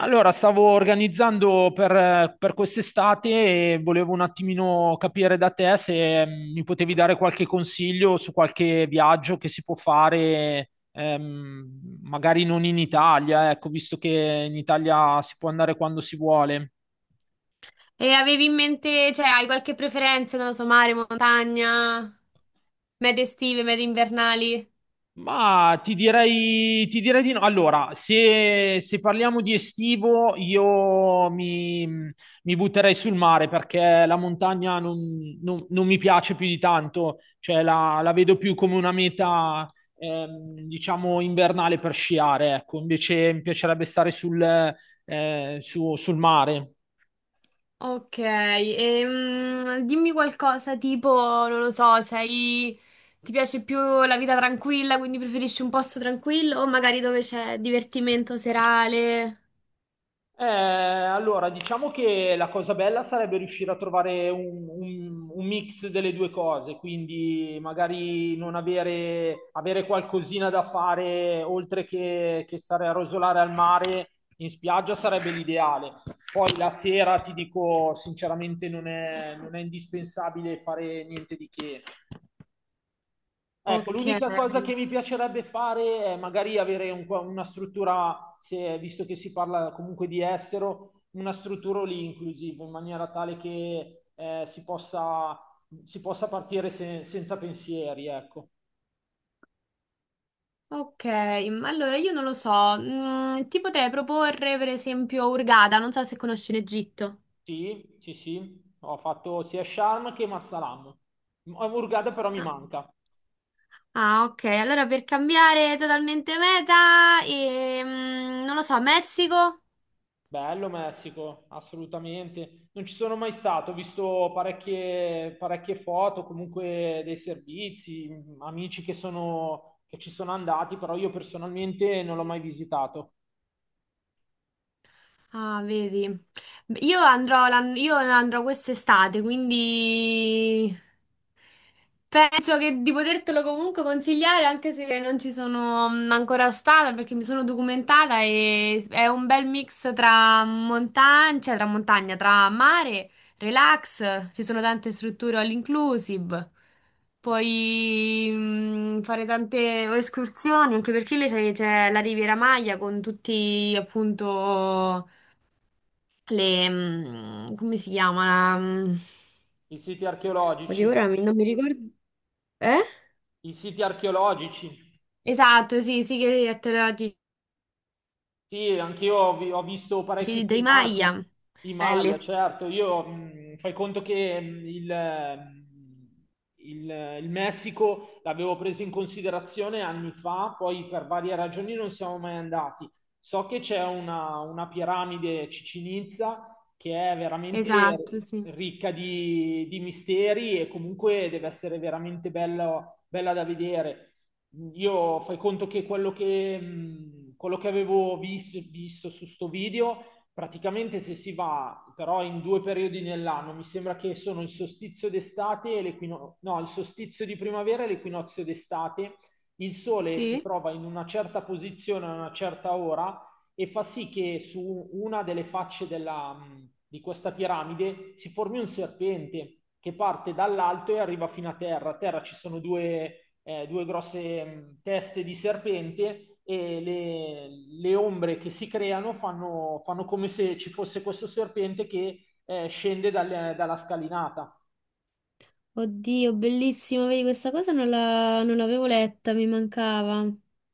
Allora, stavo organizzando per quest'estate e volevo un attimino capire da te se mi potevi dare qualche consiglio su qualche viaggio che si può fare, magari non in Italia, ecco, visto che in Italia si può andare quando si vuole. E avevi in mente, cioè, hai qualche preferenza, non lo so, mare, montagna, mete estive, mete invernali? Ma ti direi di no. Allora, se parliamo di estivo, io mi butterei sul mare perché la montagna non mi piace più di tanto, cioè la vedo più come una meta, diciamo, invernale per sciare, ecco. Invece mi piacerebbe stare sul mare. Ok, dimmi qualcosa tipo, non lo so, sei... Ti piace più la vita tranquilla, quindi preferisci un posto tranquillo o magari dove c'è divertimento serale? Allora, diciamo che la cosa bella sarebbe riuscire a trovare un mix delle due cose, quindi magari non avere, avere qualcosina da fare oltre che stare a rosolare al mare in spiaggia sarebbe l'ideale. Poi la sera, ti dico sinceramente, non è indispensabile fare niente di che. Ecco, Ok. l'unica cosa che mi piacerebbe fare è magari avere un po' una struttura, visto che si parla comunque di estero, una struttura lì inclusive, in maniera tale che si possa partire senza pensieri, ecco. Ok, ma allora io non lo so. Ti potrei proporre per esempio Hurghada, non so se conosci l'Egitto. Sì, ho fatto sia Sharm che Marsalam. Hurghada però mi manca. Ah, ok. Allora per cambiare totalmente meta, non lo so, Messico? Bello Messico, assolutamente. Non ci sono mai stato, ho visto parecchie foto, comunque dei servizi, amici che ci sono andati, però io personalmente non l'ho mai visitato. Ah, vedi. Io andrò, io andrò quest'estate, quindi penso che di potertelo comunque consigliare, anche se non ci sono ancora stata, perché mi sono documentata e è un bel mix tra montagna, cioè, tra mare, relax, ci sono tante strutture all inclusive. Puoi fare tante escursioni, anche perché lì c'è la Riviera Maya con tutti appunto le, come si chiama? La, I siti oddio, archeologici, non mi ricordo. Eh? I siti archeologici. Esatto, sì, sigari elettorali Sì, anch'io ho visto parecchi di Dai filmati Maia. di Maya, Belli. certo. Io fai conto che il Messico l'avevo preso in considerazione anni fa, poi per varie ragioni non siamo mai andati. So che c'è una piramide Chichén Itzá che è veramente Esatto, sì. ricca di misteri e comunque deve essere veramente bella bella da vedere. Io fai conto che quello che avevo visto su sto video, praticamente se si va però in due periodi nell'anno, mi sembra che sono il solstizio d'estate e l'equinozio, no, il solstizio di primavera e l'equinozio d'estate, il sole si Sì? trova in una certa posizione a una certa ora e fa sì che su una delle facce di questa piramide si formi un serpente che parte dall'alto e arriva fino a terra. A terra ci sono due grosse teste di serpente le ombre che si creano fanno come se ci fosse questo serpente che scende dalla scalinata. Oddio, bellissimo, vedi, questa cosa non l'avevo letta, mi mancava.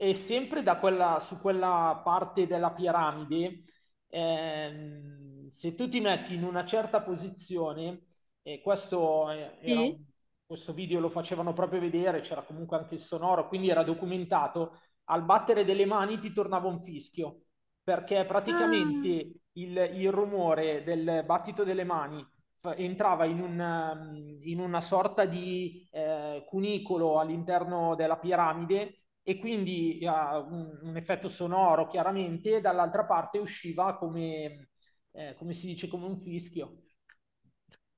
E sempre da su quella parte della piramide, se tu ti metti in una certa posizione, e Sì. questo video lo facevano proprio vedere, c'era comunque anche il sonoro, quindi era documentato, al battere delle mani ti tornava un fischio, perché praticamente Ah. Il rumore del battito delle mani entrava in una sorta di cunicolo all'interno della piramide e quindi un effetto sonoro chiaramente, e dall'altra parte usciva come, come si dice, come un fischio.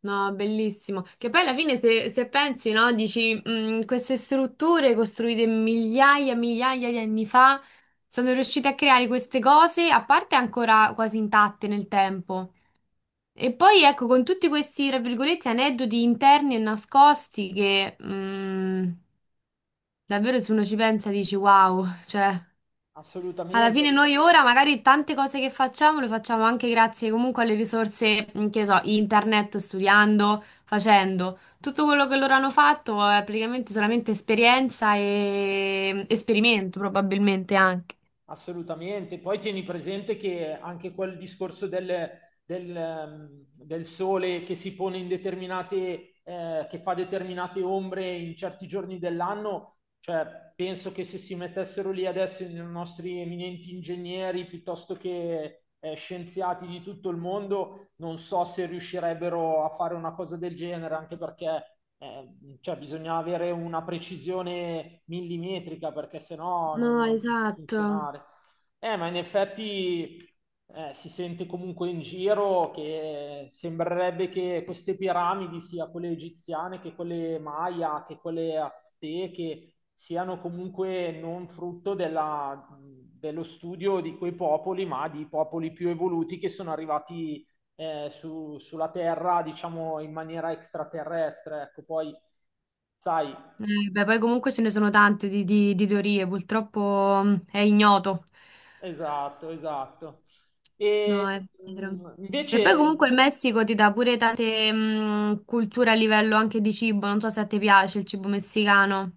No, bellissimo. Che poi alla fine se, se pensi, no, dici, "Mm, queste strutture costruite migliaia e migliaia di anni fa sono riuscite a creare queste cose, a parte ancora quasi intatte nel tempo. E poi ecco, con tutti questi, tra virgolette, aneddoti interni e nascosti che davvero se uno ci pensa dici, wow, cioè... Alla Assolutamente. fine noi ora magari tante cose che facciamo le facciamo anche grazie comunque alle risorse, che ne so, internet, studiando, facendo. Tutto quello che loro hanno fatto è praticamente solamente esperienza e esperimento probabilmente anche. Assolutamente. Poi tieni presente che anche quel discorso del, ehm, del sole che si pone in determinate, che fa determinate ombre in certi giorni dell'anno, cioè penso che se si mettessero lì adesso i nostri eminenti ingegneri piuttosto che scienziati di tutto il mondo, non so se riuscirebbero a fare una cosa del genere, anche perché cioè, bisogna avere una precisione millimetrica, perché sennò No, non può esatto. funzionare. Ma in effetti si sente comunque in giro che sembrerebbe che queste piramidi, sia quelle egiziane che quelle maya, che quelle azteche, siano comunque non frutto della, dello studio di quei popoli, ma di popoli più evoluti che sono arrivati sulla Terra, diciamo in maniera extraterrestre, ecco, poi sai, Beh, poi comunque ce ne sono tante di, di teorie, purtroppo è ignoto. esatto, esatto. No, E è vero. E poi invece, comunque il Messico ti dà pure tante culture a livello anche di cibo, non so se a te piace il cibo messicano.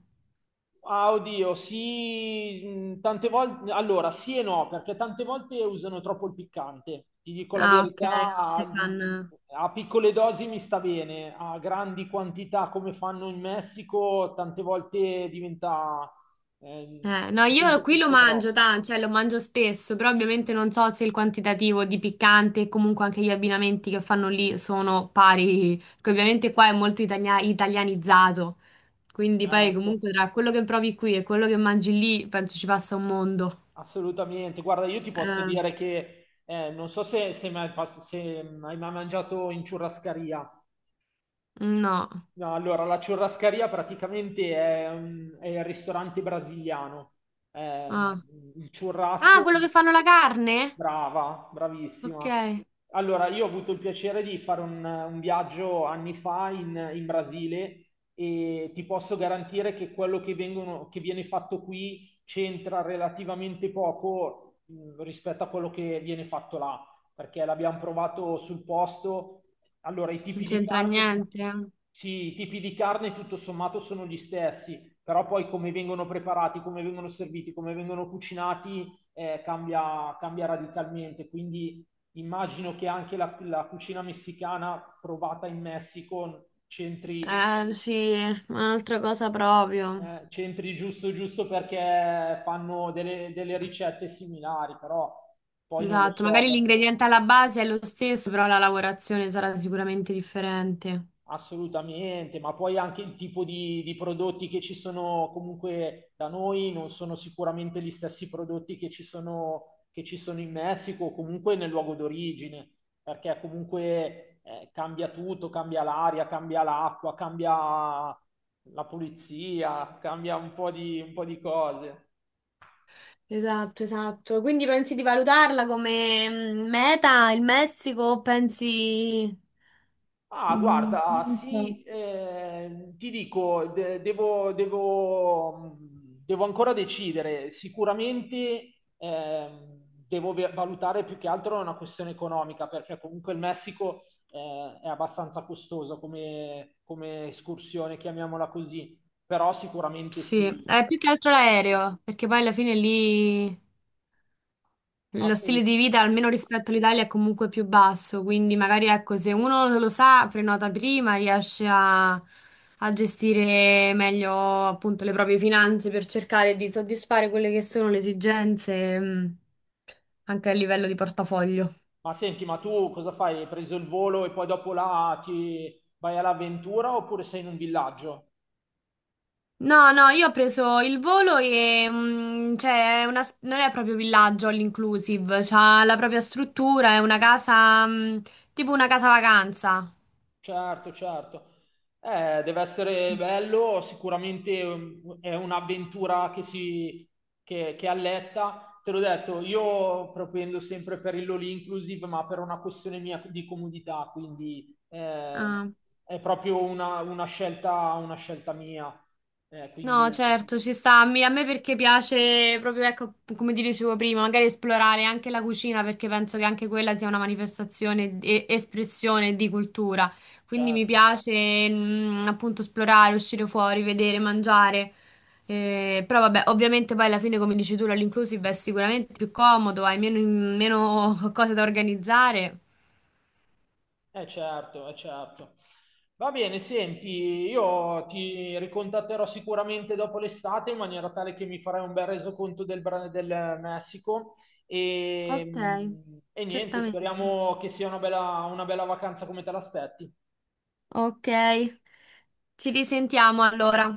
ah, oddio, sì, tante volte, allora sì e no, perché tante volte usano troppo il piccante, ti dico la Ah, ok, verità, non sei fan. a piccole dosi mi sta bene, a grandi quantità come fanno in Messico, tante volte eh, No, io diventa qui lo forse mangio, troppo, cioè lo mangio spesso, però ovviamente non so se il quantitativo di piccante e comunque anche gli abbinamenti che fanno lì sono pari, che ovviamente qua è molto italianizzato, quindi poi certo. comunque tra quello che provi qui e quello che mangi lì penso ci passa un mondo. Assolutamente, guarda, io ti posso Eh, dire che non so se mai se hai mai mangiato in ciurrascaria. no. No, allora, la ciurrascaria praticamente è il ristorante brasiliano. Eh, Ah. il Ah, churrasco. quello che fanno la carne? Brava, Ok, bravissima. non Allora, io ho avuto il piacere di fare un viaggio anni fa in Brasile e ti posso garantire che che viene fatto qui c'entra relativamente poco rispetto a quello che viene fatto là, perché l'abbiamo provato sul posto. Allora, i tipi di c'entra carne, niente. sì, i tipi di carne tutto sommato sono gli stessi, però poi come vengono preparati, come vengono serviti, come vengono cucinati cambia radicalmente. Quindi immagino che anche la cucina messicana provata in Messico centri, Sì, un'altra cosa proprio. Centri giusto giusto perché fanno delle ricette similari, però poi non lo Esatto, so magari perché. l'ingrediente alla base è lo stesso, però la lavorazione sarà sicuramente differente. Assolutamente, ma poi anche il tipo di prodotti che ci sono comunque da noi non sono sicuramente gli stessi prodotti che ci sono in Messico o comunque nel luogo d'origine, perché comunque cambia tutto, cambia l'aria, cambia l'acqua, cambia la pulizia, cambia un po' un po' di cose. Esatto, esatto. Quindi pensi di valutarla come meta il Messico o pensi... Ah, guarda, Non sì, so. Ti dico, devo ancora decidere. Sicuramente devo valutare più che altro una questione economica, perché comunque il Messico è abbastanza costoso come, come escursione, chiamiamola così. Però sicuramente Sì, sì, è più che altro l'aereo, perché poi alla fine lì lo stile di assolutamente. vita, almeno rispetto all'Italia, è comunque più basso, quindi magari ecco, se uno lo sa, prenota prima, riesce a, a gestire meglio appunto le proprie finanze per cercare di soddisfare quelle che sono le esigenze, anche a livello di portafoglio. Ma senti, ma tu cosa fai? Hai preso il volo e poi dopo là ti vai all'avventura oppure sei in un villaggio? No, no, io ho preso il volo e cioè, è una non è proprio villaggio all inclusive, c'ha la propria struttura, è una casa, tipo una casa vacanza. Certo, certo. Deve essere bello, sicuramente è un'avventura che alletta. Te l'ho detto, io propendo sempre per il all inclusive, ma per una questione mia di comodità, quindi Ah. è proprio una scelta mia. No, Quindi, certo, ci sta. A me perché piace proprio, ecco, come ti dicevo prima, magari esplorare anche la cucina perché penso che anche quella sia una manifestazione e espressione di cultura. Quindi mi certo. piace, appunto, esplorare, uscire fuori, vedere, mangiare. Però vabbè, ovviamente poi alla fine, come dici tu, l'inclusive è sicuramente più comodo, hai meno, meno cose da organizzare. Eh certo, eh certo. Va bene, senti, io ti ricontatterò sicuramente dopo l'estate in maniera tale che mi farai un bel resoconto del, del Messico Ok, e, e niente, certamente. speriamo che sia una bella vacanza come te l'aspetti. Ok, ci risentiamo allora.